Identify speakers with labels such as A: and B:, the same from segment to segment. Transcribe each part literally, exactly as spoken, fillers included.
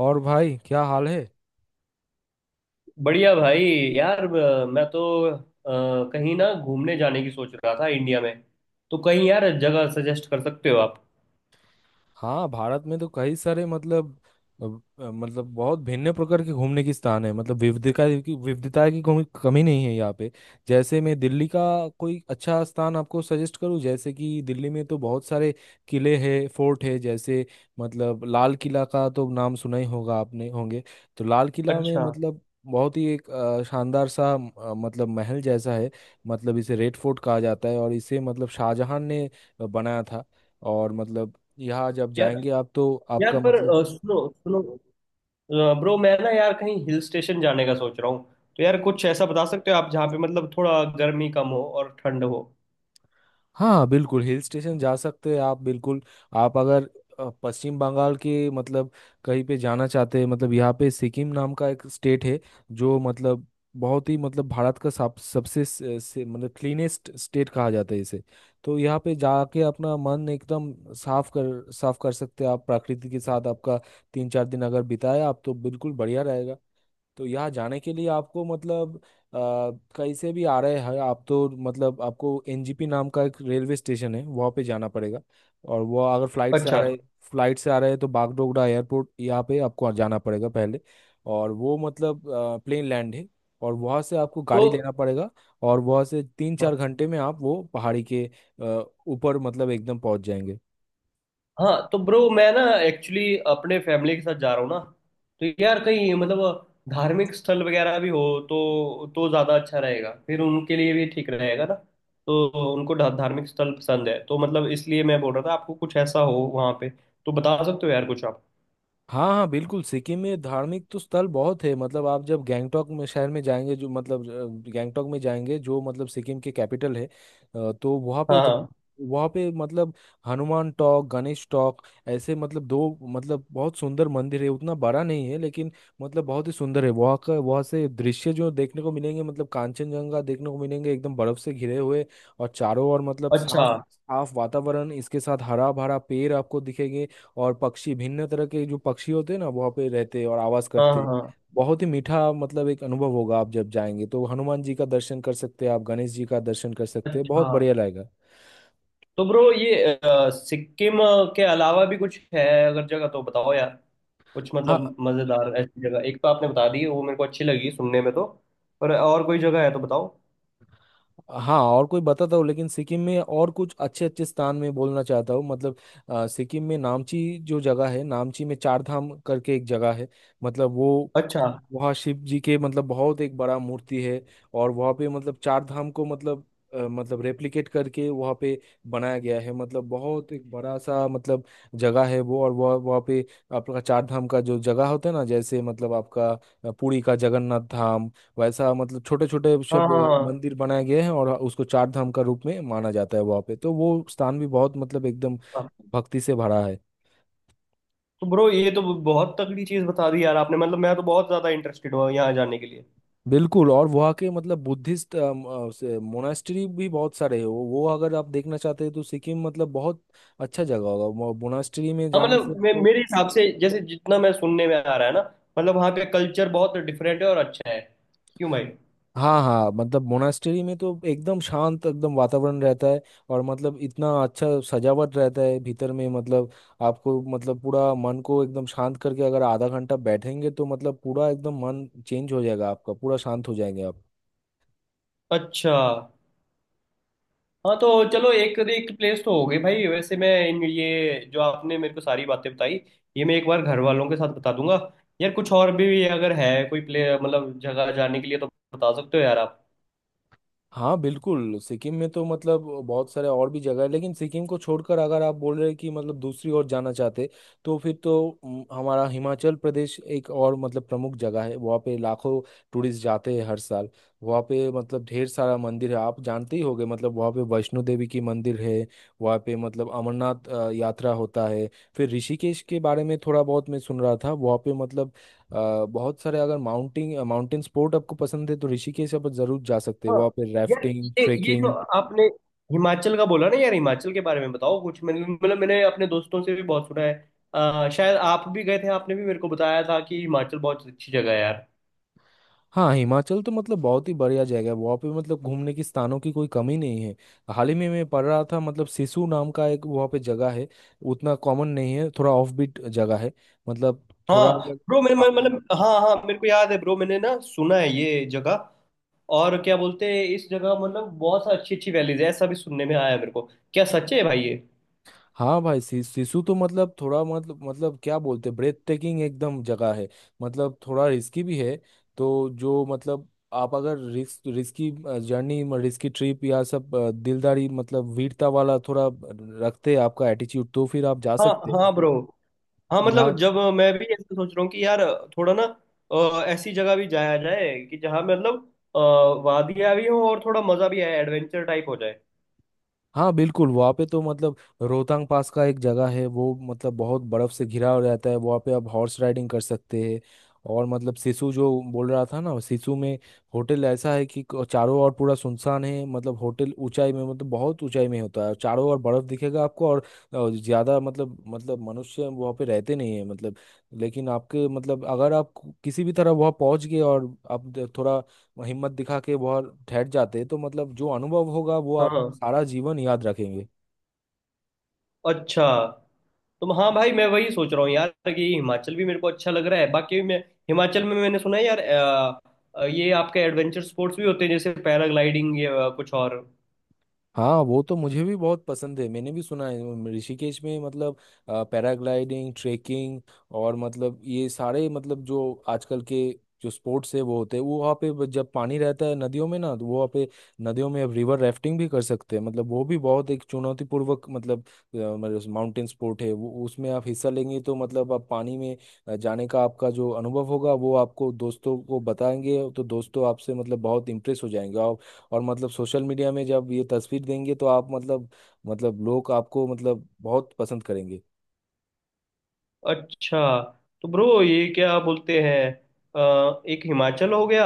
A: और भाई क्या हाल है।
B: बढ़िया भाई। यार अ, मैं तो अ, कहीं ना घूमने जाने की सोच रहा था इंडिया में। तो कहीं यार जगह सजेस्ट कर सकते हो आप।
A: हाँ, भारत में तो कई सारे मतलब अब, अ, मतलब बहुत भिन्न प्रकार के घूमने की स्थान है। मतलब विविधता की विविधता की कोई कमी नहीं है यहाँ पे। जैसे मैं दिल्ली का कोई अच्छा स्थान आपको सजेस्ट करूँ, जैसे कि दिल्ली में तो बहुत सारे किले हैं, फोर्ट है। जैसे मतलब लाल किला का तो नाम सुना ही होगा आपने होंगे। तो लाल किला में
B: अच्छा।
A: मतलब बहुत ही एक अ, शानदार सा अ, मतलब महल जैसा है। मतलब इसे रेड फोर्ट कहा जाता है, और इसे मतलब शाहजहां ने बनाया था। और मतलब यहाँ जब
B: यार,
A: जाएंगे आप तो
B: यार
A: आपका
B: पर
A: मतलब
B: अ, सुनो सुनो, ब्रो मैं ना यार कहीं हिल स्टेशन जाने का सोच रहा हूँ। तो यार कुछ ऐसा बता सकते हो आप जहाँ पे मतलब थोड़ा गर्मी कम हो और ठंड हो।
A: हाँ बिल्कुल हिल स्टेशन जा सकते हैं आप बिल्कुल। आप अगर अ, पश्चिम बंगाल के मतलब कहीं पे जाना चाहते हैं, मतलब यहाँ पे सिक्किम नाम का एक स्टेट है जो मतलब बहुत ही मतलब भारत का सब सबसे से, से, मतलब क्लीनेस्ट स्टेट कहा जाता है इसे। तो यहाँ पे जाके अपना मन एकदम साफ कर साफ कर सकते हैं आप। प्रकृति के साथ आपका तीन चार दिन अगर बिताए आप तो बिल्कुल बढ़िया रहेगा। तो यहाँ जाने के लिए आपको मतलब अ, कहीं से भी आ रहे हैं आप तो मतलब आपको एनजीपी नाम का एक रेलवे स्टेशन है, वहाँ पे जाना पड़ेगा। और वो अगर फ्लाइट से आ
B: अच्छा।
A: रहे फ्लाइट से आ रहे हैं तो बागडोगरा एयरपोर्ट यहाँ पे आपको जाना पड़ेगा पहले। और वो मतलब प्लेन लैंड है, और वहाँ से आपको
B: तो
A: गाड़ी लेना पड़ेगा। और वहाँ से तीन चार घंटे में आप वो पहाड़ी के अ, ऊपर मतलब एकदम पहुँच जाएंगे।
B: हाँ, तो ब्रो मैं ना एक्चुअली अपने फैमिली के साथ जा रहा हूँ ना। तो यार कहीं मतलब धार्मिक स्थल वगैरह भी हो, तो तो ज़्यादा अच्छा रहेगा। फिर उनके लिए भी ठीक रहेगा ना, तो उनको धा- धार्मिक स्थल पसंद है, तो मतलब इसलिए मैं बोल रहा था आपको कुछ ऐसा हो वहाँ पे। तो बता सकते हो यार कुछ आप।
A: हाँ हाँ, बिल्कुल सिक्किम में धार्मिक तो स्थल बहुत है। मतलब आप जब गैंगटोक में शहर में जाएंगे, जो मतलब अ, गैंगटोक में जाएंगे जो मतलब सिक्किम के कैपिटल है, अ, तो वहाँ पे
B: हाँ
A: जा,
B: हाँ।
A: वहाँ पे मतलब हनुमान टॉक, गणेश टॉक, ऐसे मतलब दो मतलब बहुत सुंदर मंदिर है। उतना बड़ा नहीं है, लेकिन मतलब बहुत ही सुंदर है। वहाँ का, वहाँ से दृश्य जो देखने को मिलेंगे, मतलब कांचनजंगा देखने को मिलेंगे एकदम बर्फ से घिरे हुए। और चारों ओर मतलब
B: अच्छा।
A: साफ साफ वातावरण, इसके साथ हरा भरा पेड़ आपको दिखेंगे। और पक्षी भिन्न तरह के जो पक्षी होते हैं ना, वहाँ पे रहते हैं और आवाज
B: हाँ
A: करते
B: हाँ
A: हैं।
B: हाँ।
A: बहुत ही मीठा मतलब एक अनुभव होगा। आप जब जाएंगे तो हनुमान जी का दर्शन कर सकते हैं आप, गणेश जी का दर्शन कर सकते हैं,
B: अच्छा।
A: बहुत बढ़िया लगेगा।
B: तो ब्रो ये अ, सिक्किम अ, के अलावा भी कुछ है अगर जगह, तो बताओ यार। कुछ
A: हाँ
B: मतलब मजेदार ऐसी जगह, एक तो आपने बता दी वो मेरे को अच्छी लगी सुनने में, तो पर और कोई जगह है तो बताओ।
A: हाँ, और कोई बताता हूँ, लेकिन सिक्किम में और कुछ अच्छे अच्छे स्थान में बोलना चाहता हूँ। मतलब अ, सिक्किम में नामची जो जगह है, नामची में चार धाम करके एक जगह है। मतलब वो
B: अच्छा।
A: वहाँ शिव जी के मतलब बहुत एक बड़ा मूर्ति है। और वहाँ पे मतलब चार धाम को मतलब अ, मतलब रेप्लिकेट करके वहाँ पे बनाया गया है। मतलब बहुत एक बड़ा सा मतलब जगह है वो। और वह वहाँ पे आपका चार धाम का जो जगह होता है ना, जैसे मतलब आपका अ, पुरी का जगन्नाथ धाम, वैसा मतलब छोटे छोटे
B: हाँ
A: सब
B: हाँ हाँ
A: मंदिर बनाए गए हैं, और उसको चार धाम का रूप में माना जाता है वहाँ पे। तो वो स्थान भी बहुत मतलब एकदम
B: हाँ।
A: भक्ति से भरा है।
B: तो ब्रो ये तो बहुत तगड़ी चीज बता दी यार आपने, मतलब मैं तो बहुत ज्यादा इंटरेस्टेड हुआ यहाँ जाने के लिए।
A: बिल्कुल। और वहाँ के मतलब बुद्धिस्ट मोनास्ट्री भी बहुत सारे हैं। वो वो अगर आप देखना चाहते हैं तो सिक्किम मतलब बहुत अच्छा जगह होगा, मोनास्ट्री में
B: हाँ,
A: जाने से
B: मतलब मे,
A: आपको।
B: मेरे हिसाब से जैसे जितना मैं सुनने में आ रहा है ना, मतलब वहाँ पे कल्चर बहुत डिफरेंट है और अच्छा है। क्यों भाई।
A: हाँ हाँ, मतलब मोनास्ट्री में तो एकदम शांत, एकदम वातावरण रहता है। और मतलब इतना अच्छा सजावट रहता है भीतर में, मतलब आपको मतलब पूरा मन को एकदम शांत करके अगर आधा घंटा बैठेंगे तो मतलब पूरा एकदम मन चेंज हो जाएगा आपका, पूरा शांत हो जाएंगे आप।
B: अच्छा। हाँ तो चलो एक एक प्लेस तो हो गई भाई। वैसे मैं इन ये जो आपने मेरे को सारी बातें बताई, ये मैं एक बार घर वालों के साथ बता दूंगा। यार कुछ और भी अगर है कोई प्ले मतलब जगह जाने के लिए, तो बता सकते हो यार आप।
A: हाँ बिल्कुल, सिक्किम में तो मतलब बहुत सारे और भी जगह है, लेकिन सिक्किम को छोड़कर अगर आप बोल रहे हैं कि मतलब दूसरी ओर जाना चाहते, तो फिर तो म, हमारा हिमाचल प्रदेश एक और मतलब प्रमुख जगह है। वहाँ पे लाखों टूरिस्ट जाते हैं हर साल। वहाँ पे मतलब ढेर सारा मंदिर है, आप जानते ही होंगे। मतलब वहाँ पे वैष्णो देवी की मंदिर है, वहाँ पे मतलब अमरनाथ अ, यात्रा होता है। फिर ऋषिकेश के बारे में थोड़ा बहुत मैं सुन रहा था। वहाँ पे मतलब अ, बहुत सारे, अगर माउंटिंग माउंटेन स्पोर्ट आपको पसंद है तो ऋषिकेश आप जरूर जा सकते हैं।
B: हाँ,
A: वहाँ पे
B: यार
A: राफ्टिंग,
B: ये ये जो
A: ट्रेकिंग।
B: आपने हिमाचल का बोला ना यार, हिमाचल के बारे में बताओ कुछ। मैंने मतलब मैंने अपने दोस्तों से भी बहुत सुना है। आ, शायद आप भी गए थे, आपने भी मेरे को बताया था कि हिमाचल बहुत अच्छी जगह है यार।
A: हाँ, हिमाचल तो मतलब बहुत ही बढ़िया जगह है। वहाँ पे मतलब घूमने की स्थानों की कोई कमी नहीं है। हाल ही में मैं पढ़ रहा था मतलब सिसु नाम का एक वहाँ पे जगह है। उतना कॉमन नहीं है, थोड़ा ऑफ बीट जगह है। मतलब
B: हाँ
A: थोड़ा अगर
B: ब्रो, मैंने
A: आ-
B: मैं- मतलब हाँ हाँ, मेरे को याद है ब्रो, मैंने ना सुना है ये जगह। और क्या बोलते हैं इस जगह, मतलब बहुत सा अच्छी अच्छी वैलीज है ऐसा भी सुनने में आया मेरे को। क्या सच है भाई ये।
A: हाँ भाई, सी- सिसु तो मतलब थोड़ा मतलब मतलब क्या बोलते हैं, ब्रेथ टेकिंग एकदम जगह है। मतलब थोड़ा रिस्की भी है। तो जो मतलब आप अगर risk risky journey, risky trip या सब अ, दिलदारी मतलब वीरता वाला थोड़ा रखते हैं आपका एटीट्यूड, तो फिर आप जा
B: हाँ
A: सकते हैं
B: हाँ
A: मतलब
B: ब्रो। हाँ
A: यहाँ।
B: मतलब जब मैं भी ऐसा सोच रहा हूँ कि यार थोड़ा ना अ, ऐसी जगह भी जाया जाए कि जहाँ मतलब अ, वादियाँ भी हो और थोड़ा मजा भी आए, एडवेंचर टाइप हो जाए।
A: हाँ बिल्कुल, वहाँ पे तो मतलब रोहतांग पास का एक जगह है। वो मतलब बहुत बर्फ से घिरा हो रहता है। वहाँ पे आप हॉर्स राइडिंग कर सकते हैं। और मतलब सिसु जो बोल रहा था ना, सिसु में होटल ऐसा है कि क- चारों ओर पूरा सुनसान है। मतलब होटल ऊंचाई में, मतलब बहुत ऊंचाई में होता है, और चारों ओर बर्फ दिखेगा आपको। और अ, ज्यादा मतलब मतलब मनुष्य वहाँ पे रहते नहीं है मतलब। लेकिन आपके मतलब अगर आप किसी भी तरह वहाँ पहुँच गए और आप थोड़ा हिम्मत दिखा के बहुत ठहर जाते, तो मतलब जो अनुभव होगा वो आप
B: हाँ।
A: सारा जीवन याद रखेंगे।
B: अच्छा। तो हाँ भाई मैं वही सोच रहा हूँ यार कि हिमाचल भी मेरे को अच्छा लग रहा है। बाकी मैं हिमाचल में मैंने सुना है यार, अ, अ, ये आपके एडवेंचर स्पोर्ट्स भी होते हैं जैसे पैराग्लाइडिंग या कुछ और।
A: हाँ, वो तो मुझे भी बहुत पसंद है। मैंने भी सुना है उम, ऋषिकेश में मतलब अ, पैराग्लाइडिंग, ट्रेकिंग, और मतलब ये सारे मतलब जो आजकल के जो स्पोर्ट्स है वो होते हैं। वो वहाँ पे ब- जब पानी रहता है नदियों में ना, तो वो वहाँ पे नदियों में अब रिवर राफ्टिंग भी कर सकते हैं। मतलब वो भी बहुत एक चुनौतीपूर्वक मतलब माउंटेन स्पोर्ट है वो। उसमें आप हिस्सा लेंगे तो मतलब आप पानी में अ, जाने का आपका जो अनुभव होगा वो आपको दोस्तों को बताएंगे, तो दोस्तों आपसे मतलब बहुत इंप्रेस हो जाएंगे। और मतलब सोशल मीडिया में जब ये तस्वीर देंगे, तो आप मतलब मतलब लोग आपको मतलब बहुत पसंद करेंगे।
B: अच्छा। तो ब्रो ये क्या बोलते हैं, अ, एक हिमाचल हो गया,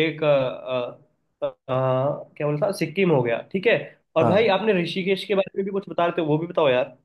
B: एक अ, अ, अ, क्या बोलता, सिक्किम हो गया, ठीक है। और भाई
A: हाँ
B: आपने ऋषिकेश के बारे में भी कुछ बता रहे थे, वो भी बताओ यार।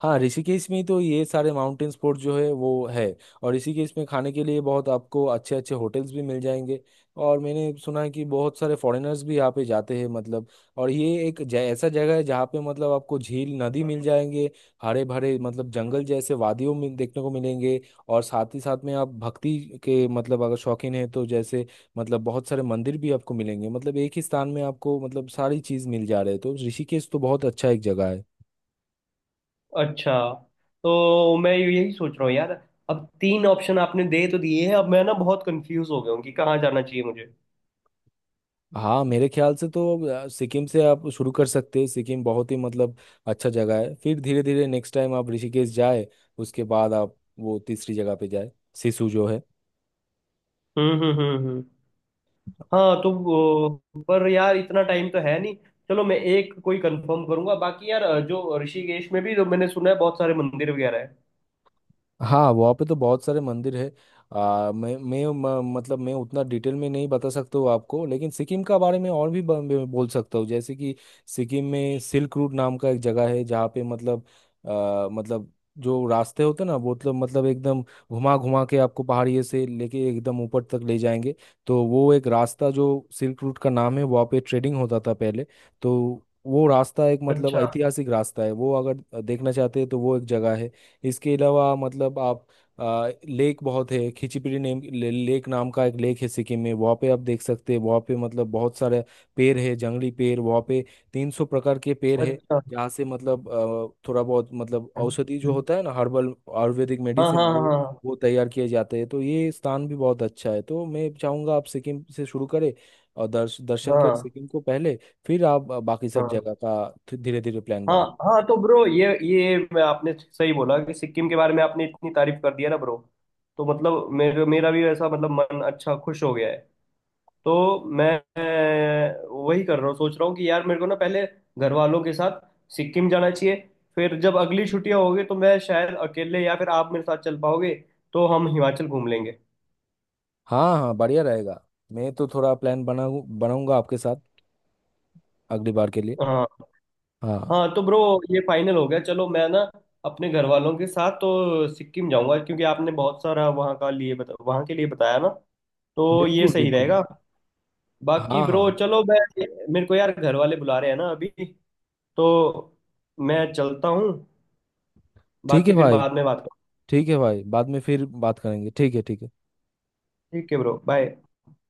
A: हाँ, ऋषिकेश में ही तो ये सारे माउंटेन स्पोर्ट जो है वो है। और ऋषिकेश में खाने के लिए बहुत आपको अच्छे अच्छे होटल्स भी मिल जाएंगे। और मैंने सुना है कि बहुत सारे फॉरेनर्स भी यहाँ पे जाते हैं मतलब। और ये एक जै, ऐसा जगह है जहाँ पे मतलब आपको झील, नदी मिल जाएंगे, हरे भरे मतलब जंगल जैसे वादियों में देखने को मिलेंगे। और साथ ही साथ में आप भक्ति के मतलब अगर शौकीन है तो जैसे मतलब बहुत सारे मंदिर भी आपको मिलेंगे। मतलब एक ही स्थान में आपको मतलब सारी चीज़ मिल जा रहे है, तो ऋषिकेश तो बहुत अच्छा एक जगह है।
B: अच्छा। तो मैं यही सोच रहा हूँ यार, अब तीन ऑप्शन आपने दे तो दिए हैं, अब मैं ना बहुत कंफ्यूज हो गया हूँ कि कहाँ जाना चाहिए मुझे।
A: हाँ मेरे ख्याल से तो अ, सिक्किम से आप शुरू कर सकते हैं। सिक्किम बहुत ही मतलब अच्छा जगह है। फिर धीरे धीरे नेक्स्ट टाइम आप ऋषिकेश जाए। उसके बाद आप वो तीसरी जगह पे जाए, सिसु जो है।
B: हम्म हम्म हम्म हम्म। हाँ तो वो- पर यार इतना टाइम तो है नहीं। चलो मैं एक कोई कंफर्म करूंगा। बाकी यार अ, जो ऋषिकेश में भी जो मैंने सुना है बहुत सारे मंदिर वगैरह है।
A: हाँ वहाँ पे तो बहुत सारे मंदिर है। आ, मैं मैं म, मतलब मैं उतना डिटेल में नहीं बता सकता हूँ आपको, लेकिन सिक्किम का बारे में और भी ब, ब- बोल सकता हूँ। जैसे कि सिक्किम में सिल्क रूट नाम का एक जगह है, जहाँ पे मतलब आ, मतलब जो रास्ते होते हैं ना, वो मतलब मतलब एकदम घुमा घुमा के आपको पहाड़िए से लेके एकदम ऊपर तक ले जाएंगे। तो वो एक रास्ता जो सिल्क रूट का नाम है, वहाँ पे ट्रेडिंग होता था पहले। तो वो रास्ता एक मतलब
B: अच्छा।
A: ऐतिहासिक रास्ता है। वो अगर देखना चाहते हैं तो वो एक जगह है। इसके अलावा मतलब आप आ, लेक बहुत है। खिचीपीड़ी नेम ले, लेक नाम का एक लेक है सिक्किम में, वहाँ पे आप देख सकते हैं। वहाँ पे मतलब बहुत सारे पेड़ है, जंगली पेड़ वहाँ पे। तीन सौ प्रकार के पेड़ है,
B: अच्छा।
A: जहाँ से मतलब अ, थोड़ा बहुत मतलब औषधि जो होता है ना, हर्बल आयुर्वेदिक
B: हाँ
A: मेडिसिन
B: हाँ
A: वो
B: हाँ
A: वो तैयार किए जाते हैं। तो ये स्थान भी बहुत अच्छा है। तो मैं चाहूंगा आप सिक्किम से शुरू करें, और दर्श, दर्शन कर
B: हाँ
A: सिक्किम को पहले। फिर आप बाकी सब
B: हाँ
A: जगह का धीरे धीरे प्लान
B: हाँ।
A: बनाए।
B: हाँ तो ब्रो ये ये मैं आपने सही बोला कि सिक्किम के बारे में आपने इतनी तारीफ कर दी है ना ब्रो, तो मतलब मेरा मेरा भी ऐसा मतलब मन अच्छा खुश हो गया है। तो मैं मैं वही कर रहा हूँ सोच रहा हूँ कि यार मेरे को ना पहले घर वालों के साथ सिक्किम जाना चाहिए। फिर जब अगली छुट्टियां होगी, तो मैं शायद अकेले या फिर आप मेरे साथ चल पाओगे, तो हम हिमाचल घूम लेंगे।
A: हाँ हाँ बढ़िया रहेगा। मैं तो थोड़ा प्लान बनाऊ बनाऊंगा आपके साथ अगली बार के लिए।
B: हाँ
A: हाँ
B: हाँ तो ब्रो ये फाइनल हो गया। चलो मैं ना अपने घर वालों के साथ तो सिक्किम जाऊंगा क्योंकि आपने बहुत सारा वहाँ का लिए बता, वहाँ के लिए बताया ना, तो ये
A: बिल्कुल
B: सही
A: बिल्कुल।
B: रहेगा। बाकी
A: हाँ
B: ब्रो
A: हाँ,
B: चलो मैं, मेरे को यार घर वाले बुला रहे हैं ना अभी, तो मैं चलता हूँ।
A: ठीक
B: बाकी
A: है
B: फिर
A: भाई।
B: बाद में बात।
A: ठीक है भाई, बाद में फिर बात करेंगे। ठीक है, ठीक है।
B: ठीक है ब्रो, बाय।